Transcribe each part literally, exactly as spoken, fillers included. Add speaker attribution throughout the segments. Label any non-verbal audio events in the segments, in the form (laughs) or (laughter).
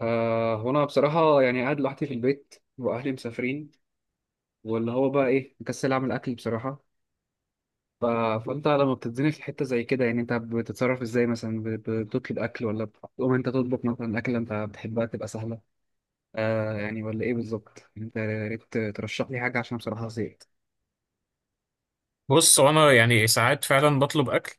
Speaker 1: آه هو انا بصراحه، يعني قاعد لوحدي في البيت واهلي مسافرين. واللي هو بقى ايه، مكسل اعمل اكل بصراحه. ف... فانت لما بتتزنق في حته زي كده، يعني انت بتتصرف ازاي؟ مثلا ب- بتطلب اكل ولا بتقوم انت تطبخ مثلا؟ اكل انت بتحبها تبقى سهله. آه يعني، ولا ايه بالظبط؟ يعني انت يا ريت ترشح لي حاجه، عشان بصراحه زهقت.
Speaker 2: بص، انا يعني ساعات فعلا بطلب اكل.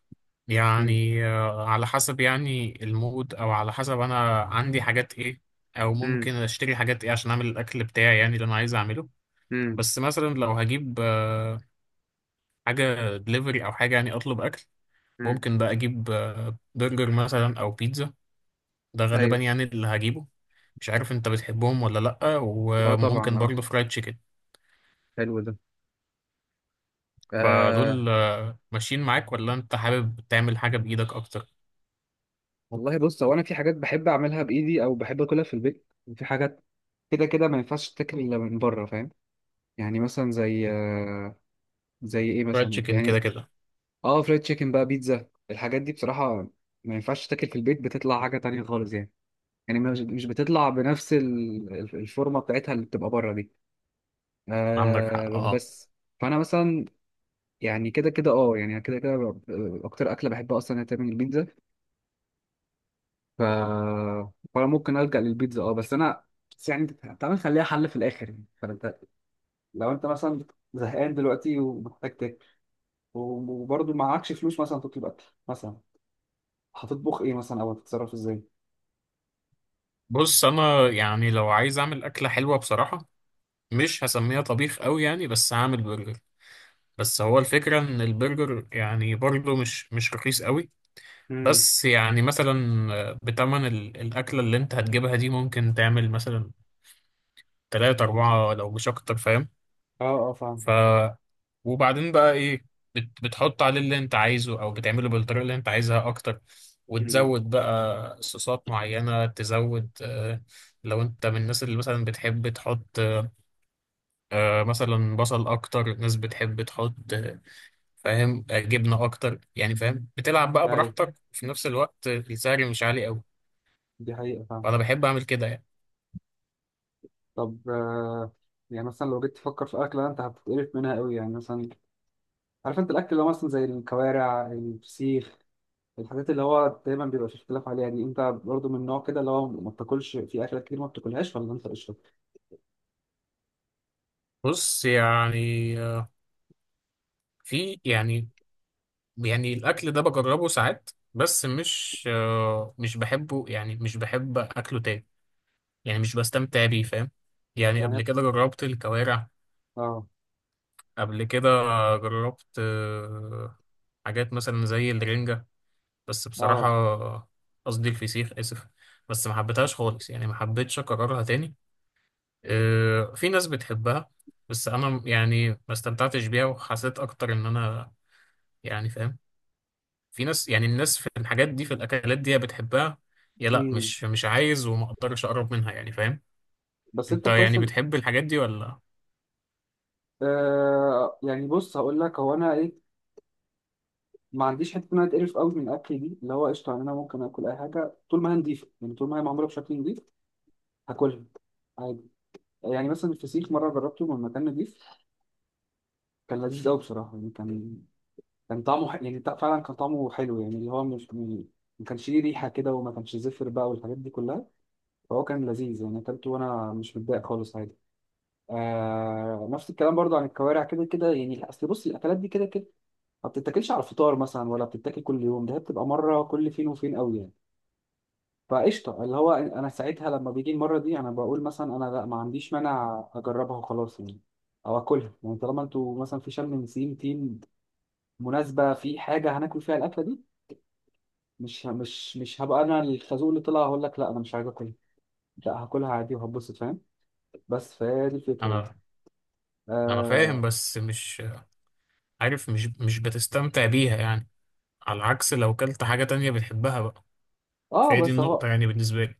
Speaker 1: امم.
Speaker 2: يعني آه، على حسب يعني المود، او على حسب انا عندي حاجات ايه، او
Speaker 1: امم.
Speaker 2: ممكن اشتري حاجات ايه عشان اعمل الاكل بتاعي، يعني اللي انا عايز اعمله.
Speaker 1: امم.
Speaker 2: بس مثلا لو هجيب آه، حاجة دليفري او حاجة، يعني اطلب اكل، ممكن بقى اجيب آه، برجر مثلا او بيتزا. ده غالبا
Speaker 1: ايوه.
Speaker 2: يعني اللي هجيبه. مش عارف انت بتحبهم ولا لأ،
Speaker 1: اه طبعا
Speaker 2: وممكن
Speaker 1: اه.
Speaker 2: برضه فرايد تشيكن.
Speaker 1: حلو ده. آه.
Speaker 2: فدول آه، ماشيين معاك، ولا انت حابب تعمل حاجة بايدك اكتر؟
Speaker 1: والله بص، هو انا في حاجات بحب اعملها بايدي او بحب اكلها في البيت، وفي حاجات كده كده ما ينفعش تتاكل الا من بره، فاهم؟ يعني مثلا زي آه، زي ايه
Speaker 2: فرايد
Speaker 1: مثلا؟
Speaker 2: تشيكن كده
Speaker 1: يعني
Speaker 2: كده.
Speaker 1: اه، فرايد تشيكن بقى، بيتزا، الحاجات دي بصراحه ما ينفعش تتاكل في البيت، بتطلع حاجه تانية خالص يعني. يعني مش مش بتطلع بنفس ال- ال- الفورمه بتاعتها اللي بتبقى بره دي.
Speaker 2: عندك حق،
Speaker 1: آه
Speaker 2: اه.
Speaker 1: بس. فانا مثلا، يعني كده كده اه يعني كده كده ب- اكتر اكله بحبها اصلا هي تعمل البيتزا. ف فانا ممكن الجا للبيتزا اه بس انا، بس يعني تعالى نخليها حل في الاخر. يعني فانت لو انت مثلا زهقان دلوقتي ومحتاج تاكل، وبرضه معكش فلوس مثلا تطلب اكل، مثلا هتطبخ ايه، مثلا او هتتصرف ازاي؟
Speaker 2: بص، انا يعني لو عايز اعمل اكله حلوه بصراحه، مش هسميها طبيخ قوي يعني، بس هعمل برجر. بس هو الفكره ان البرجر يعني برضه مش مش رخيص قوي.
Speaker 1: امم.
Speaker 2: بس يعني مثلا آه، بتمن ال- الاكله اللي انت هتجيبها دي، ممكن تعمل مثلا تلاتة أربعة لو مش أكتر.
Speaker 1: اه. اه فاهم.
Speaker 2: فاهم؟ وبعدين بقى ايه، بت بتحط عليه اللي انت عايزه، او بتعمله بالطريقه اللي انت عايزها اكتر،
Speaker 1: امم.
Speaker 2: وتزود بقى صوصات معينه، تزود آه لو انت من الناس اللي مثلا بتحب تحط آه مثلا بصل اكتر، ناس بتحب تحط آه، فاهم، آه، جبنه اكتر، يعني فاهم، بتلعب بقى
Speaker 1: اي،
Speaker 2: براحتك، وفي نفس الوقت السعر مش عالي قوي.
Speaker 1: دي حقيقة فاهم.
Speaker 2: فانا بحب اعمل كده يعني.
Speaker 1: طب آه يعني مثلا لو جيت تفكر في اكله انت هتتقرف منها قوي، يعني مثلا عارف انت الاكل اللي هو مثلا زي الكوارع، الفسيخ، الحاجات اللي هو دايما بيبقى في اختلاف عليها دي، انت برضو من النوع كده اللي هو ما بتاكلش؟ في اكلات كتير ما بتاكلهاش ولا انت قشطه؟
Speaker 2: بص يعني آه، في يعني، يعني الاكل ده بجربه ساعات بس مش آه، مش بحبه، يعني مش بحب اكله تاني. يعني مش بستمتع بيه، فاهم؟ يعني قبل
Speaker 1: يعني.
Speaker 2: كده جربت الكوارع.
Speaker 1: اه.
Speaker 2: قبل كده جربت آه، حاجات مثلا زي الرنجة، بس بصراحة،
Speaker 1: اه.
Speaker 2: قصدي الفسيخ، اسف. بس ما حبيتهاش خالص يعني، ما حبيتش اكررها تاني. آه، في ناس بتحبها، بس انا يعني ما استمتعتش بيها، وحسيت اكتر ان انا يعني، فاهم؟ في ناس يعني، الناس في الحاجات دي، في الاكلات دي، يا بتحبها يا لا،
Speaker 1: مم.
Speaker 2: مش مش عايز وما اقدرش اقرب منها، يعني فاهم؟
Speaker 1: بس
Speaker 2: انت
Speaker 1: انت كويس
Speaker 2: يعني
Speaker 1: إن-
Speaker 2: بتحب الحاجات دي ولا؟
Speaker 1: آه يعني، بص هقول لك، هو انا ايه، ما عنديش حته ان انا اتقرف قوي من الاكل دي اللي هو قشطه. يعني انا ممكن اكل اي حاجه طول ما هي نضيفه، يعني طول ما هي معموله بشكل نضيف هاكلها عادي. يعني مثلا الفسيخ مره جربته من مكان نضيف، كان لذيذ قوي بصراحه يعني. كان كان طعمه ح... يعني تع- فعلا كان طعمه حلو، يعني اللي هو مش م- ما كانش ليه ريحة كده، وما كانش زفر بقى والحاجات دي كلها. فهو كان لذيذ، يعني أكلته وأنا مش متضايق خالص، عادي. آه... نفس الكلام برضو عن الكوارع. كده كده يعني، أصل بص الأكلات دي كده كده ما بتتاكلش على الفطار مثلا، ولا بتتاكل كل يوم، ده هي بتبقى مرة كل فين وفين قوي يعني. فقشطة، اللي هو أنا ساعتها لما بيجي المرة دي أنا بقول مثلا، أنا لا ما عنديش مانع أجربها وخلاص يعني، أو أكلها. يعني طالما أنتوا مثلا في شم نسيم تيم، مناسبة، في حاجة هناكل فيها الأكلة دي، مش ه- مش مش هبقى انا الخازوق اللي طلع هقول لك لا انا مش عايز اكل. لا هاكلها عادي وهتبسط، فاهم؟ بس فهي دي الفكره يعني.
Speaker 2: انا انا فاهم،
Speaker 1: اه.
Speaker 2: بس مش عارف، مش مش بتستمتع بيها يعني. على العكس لو كلت حاجة تانية بتحبها بقى.
Speaker 1: اه
Speaker 2: فهي دي
Speaker 1: بس اهو.
Speaker 2: النقطة يعني بالنسبة لي.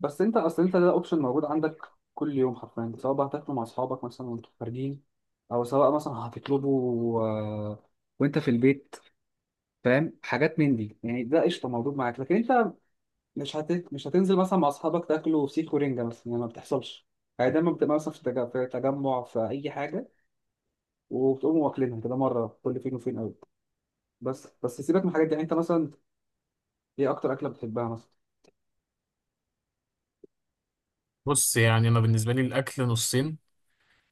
Speaker 1: بس انت اصل، انت ده اوبشن موجود عندك كل يوم حرفيا، سواء بقى هتاكله مع اصحابك مثلا وانتوا خارجين، او سواء مثلا هتطلبه آه، وانت في البيت، فاهم، حاجات من دي يعني. ده قشطه موجود معاك، لكن انت مش هت... مش هتنزل مثلا مع اصحابك تاكلوا فسيخ ورنجه مثلا، يعني ما بتحصلش. يعني دايما بتبقى مثلا في تج- في تجمع في اي حاجه، وبتقوموا واكلينها كده مره كل فين وفين قوي. بس بس سيبك من الحاجات دي. يعني انت مثلا ايه اكتر اكله بتحبها مثلا؟
Speaker 2: بص يعني انا بالنسبة لي الاكل نصين.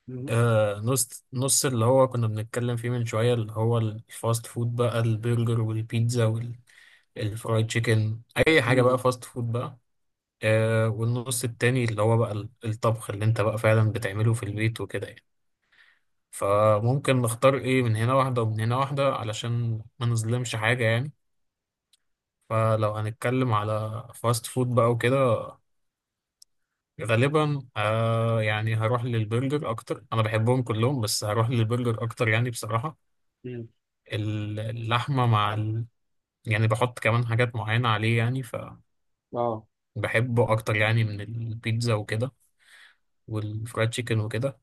Speaker 1: مم.
Speaker 2: آه نص نص، اللي هو كنا بنتكلم فيه من شوية، اللي هو الفاست فود بقى، البرجر والبيتزا والفرايد تشيكن، اي حاجة بقى
Speaker 1: مم.
Speaker 2: فاست فود بقى. آه والنص التاني، اللي هو بقى ال- الطبخ اللي انت بقى فعلا بتعمله في البيت وكده يعني. فممكن نختار ايه، من هنا واحدة ومن هنا واحدة، علشان ما نظلمش حاجة يعني. فلو هنتكلم على فاست فود بقى وكده، غالبا آه يعني هروح للبرجر اكتر. انا بحبهم كلهم، بس هروح للبرجر اكتر يعني بصراحة.
Speaker 1: مم.
Speaker 2: ال- اللحمة مع ال... يعني بحط كمان حاجات معينة عليه يعني،
Speaker 1: اه
Speaker 2: فبحبه اكتر يعني من البيتزا وكده، والفرايد تشيكن وكده.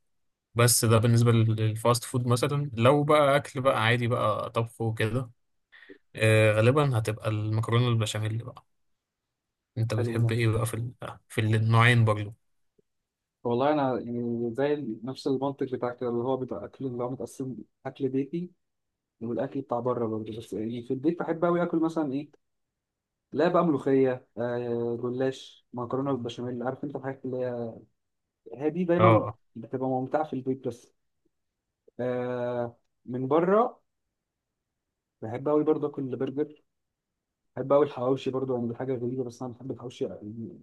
Speaker 2: بس ده بالنسبة للفاست فود. مثلا لو بقى أكل بقى عادي بقى، طبخ وكده، آه، غالبا هتبقى المكرونة البشاميل بقى. أنت
Speaker 1: حلو ده.
Speaker 2: بتحب إيه بقى في ال... في النوعين برضو؟
Speaker 1: والله انا يعني زي ال- نفس المنطق بتاعك كده، اللي هو بيبقى اكل اللي هو متقسم: اكل بيتي والاكل بتاع بره برضه. بس يعني في البيت بحب قوي اكل مثلا ايه، لا بقى، ملوخيه، آه جلاش، مكرونه بالبشاميل، عارف انت الحاجات اللي هي، هي دي دايما
Speaker 2: أه.
Speaker 1: بتبقى ممتعه في البيت. بس آه من بره بحب قوي برضه اكل برجر. بحب أوي الحواوشي برضو، يعني دي حاجة غريبة بس أنا بحب الحواوشي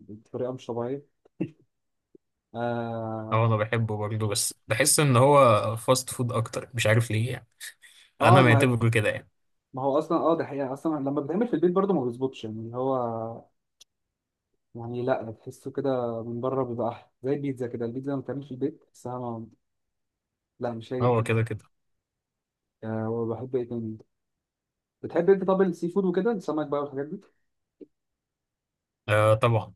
Speaker 1: بطريقة مش طبيعية. آه,
Speaker 2: أه، أنا بحبه برضو، بس بحس إن هو فاست فود أكتر، مش عارف ليه يعني.
Speaker 1: آه
Speaker 2: أنا
Speaker 1: ما,
Speaker 2: معتبره كده يعني.
Speaker 1: ما هو أصلا آه ده حقيقة، أصلا لما بيتعمل في البيت برضو ما بيظبطش، يعني اللي هو، يعني لا تحسه كده، من بره بيبقى أحلى. زي البيتزا كده، البيتزا لما بتتعمل في البيت تحسها ما- لا، مش هي
Speaker 2: هو
Speaker 1: البيتزا.
Speaker 2: كده كده.
Speaker 1: آه، وبحب إيه تاني؟ بتحب أنت طب السي فود وكده، السمك بقى والحاجات دي؟
Speaker 2: آه طبعا.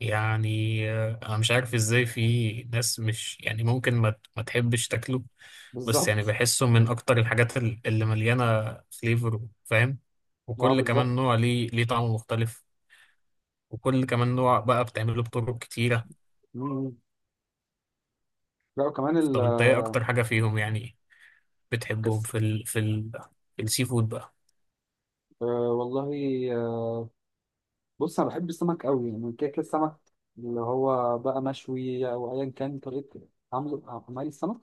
Speaker 2: يعني آه، أنا مش عارف إزاي في ناس، مش يعني، ممكن ما, ت- ما تحبش تاكله. بس يعني
Speaker 1: بالظبط.
Speaker 2: بحسه من اكتر الحاجات ال- اللي مليانه فليفر، فاهم؟
Speaker 1: آه
Speaker 2: وكل كمان
Speaker 1: بالظبط.
Speaker 2: نوع ليه ليه طعم مختلف، وكل كمان نوع بقى بتعمله بطرق كتيره.
Speaker 1: مم. لا وكمان
Speaker 2: طب انت ايه
Speaker 1: الكاس.
Speaker 2: اكتر حاجه فيهم يعني بتحبهم في ال في ال في السي فود بقى؟
Speaker 1: آه والله بص انا بحب السمك قوي، يعني كيك السمك اللي هو بقى مشوي او ايا كان طريقه عمله، عمل السمك.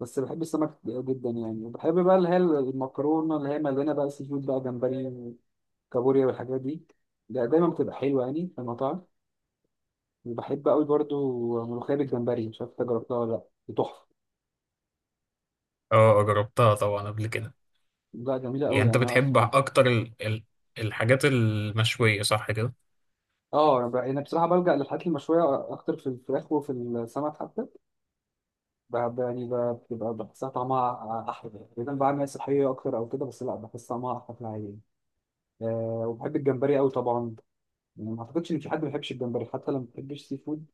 Speaker 1: بس بحب السمك جدا يعني، وبحب بقى اللي هي المكرونه اللي هي مليانه بقى سي فود بقى، جمبري وكابوريا والحاجات دي، ده دايما بتبقى حلوه يعني في المطاعم. وبحب قوي برضو ملوخيه بالجمبري، مش عارف انت جربتها ولا لا؟ دي تحفه.
Speaker 2: اه، جربتها طبعا قبل كده.
Speaker 1: لا جميله
Speaker 2: يعني
Speaker 1: قوي
Speaker 2: انت
Speaker 1: يعني، انا
Speaker 2: بتحب
Speaker 1: اصلا.
Speaker 2: اكتر ال ال الحاجات المشويه، صح كده؟
Speaker 1: اه، انا بقى- أنا بصراحه بلجأ للحاجات المشويه اكتر، في الفراخ وفي السمك حتى. بحب يعني ب- بتبقى بحسها طعمها أحلى، إذا بعمل صحية أكتر أو كده. بس لا، بحس طعمها أحلى في العادية. أه، وبحب الجمبري أوي طبعا، يعني ما أعتقدش إن في حد ما بيحبش الجمبري، حتى لو ما بيحبش سي فود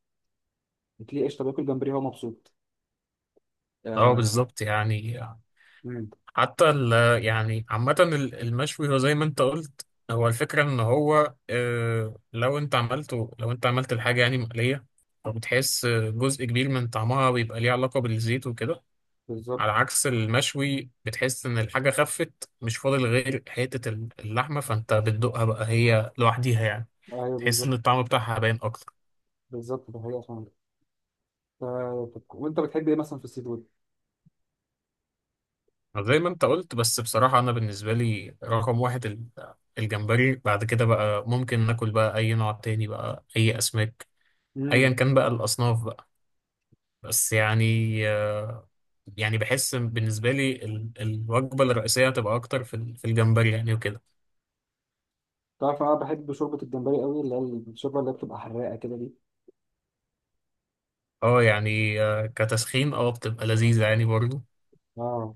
Speaker 1: بتلاقيه قشطة بياكل جمبري هو مبسوط.
Speaker 2: اه،
Speaker 1: أه.
Speaker 2: بالظبط يعني.
Speaker 1: مم،
Speaker 2: حتى ال يعني عامة ال- المشوي، هو زي ما انت قلت، هو الفكرة ان هو آه، لو انت عملته لو انت عملت الحاجة يعني مقلية، فبتحس جزء كبير من طعمها بيبقى ليه علاقة بالزيت وكده.
Speaker 1: بالظبط.
Speaker 2: على عكس المشوي، بتحس ان الحاجة خفت، مش فاضل غير حتة اللحمة، فانت بتدوقها بقى هي لوحديها يعني.
Speaker 1: أيوه
Speaker 2: تحس ان
Speaker 1: بالظبط.
Speaker 2: الطعم بتاعها باين اكتر.
Speaker 1: بالظبط ده حقيقة فعلا. آه، طب وأنت بتحب إيه مثلا في السي فود؟
Speaker 2: زي ما انت قلت. بس بصراحة انا بالنسبة لي رقم واحد ال- الجمبري. بعد كده بقى ممكن ناكل بقى اي نوع تاني بقى، اي اسماك، ايا
Speaker 1: مم.
Speaker 2: كان بقى الاصناف بقى. بس يعني آه، يعني بحس بالنسبة لي ال- الوجبة الرئيسية هتبقى اكتر في ال- في الجمبري يعني وكده.
Speaker 1: تعرف، أنا بحب شوربة الجمبري أوي، اللي هي الشوربة اللي هي بتبقى حراقة كده دي.
Speaker 2: اه يعني آه، كتسخين اه بتبقى لذيذة يعني برضو.
Speaker 1: أه.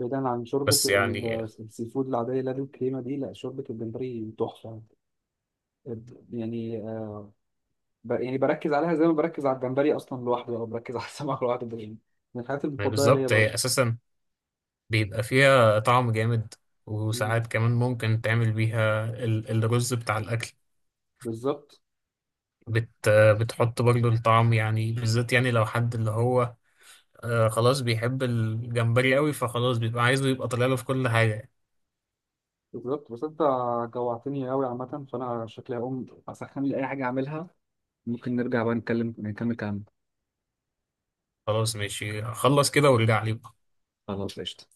Speaker 1: بعيدا عن شوربة
Speaker 2: بس يعني
Speaker 1: ال- السي فود العادية اللي هي الكريمة دي، لا شوربة الجمبري تحفة. يعني آه، ب- يعني بركز عليها زي ما بركز على الجمبري اصلا لوحده، او بركز على السمك (laughs) لوحده ده يعني. من الحاجات
Speaker 2: آه،
Speaker 1: المفضله ليا
Speaker 2: بالظبط هي
Speaker 1: برضه.
Speaker 2: اساسا بيبقى فيها طعم جامد،
Speaker 1: مم.
Speaker 2: وساعات كمان ممكن تعمل بيها ال- الرز بتاع الاكل.
Speaker 1: بالظبط
Speaker 2: بت بتحط برضو الطعم يعني، بالذات يعني لو حد اللي هو آه خلاص بيحب الجمبري قوي، فخلاص بيبقى عايزه يبقى طالع له في كل حاجة يعني.
Speaker 1: بالظبط. بس انت جوعتني قوي عامه، فانا شكلي هقوم اسخن لي اي حاجه اعملها. ممكن نرجع بقى نتكلم، نكمل كلامنا.
Speaker 2: خلاص ماشي، خلص كده وارجع لي.
Speaker 1: خلاص قشطه.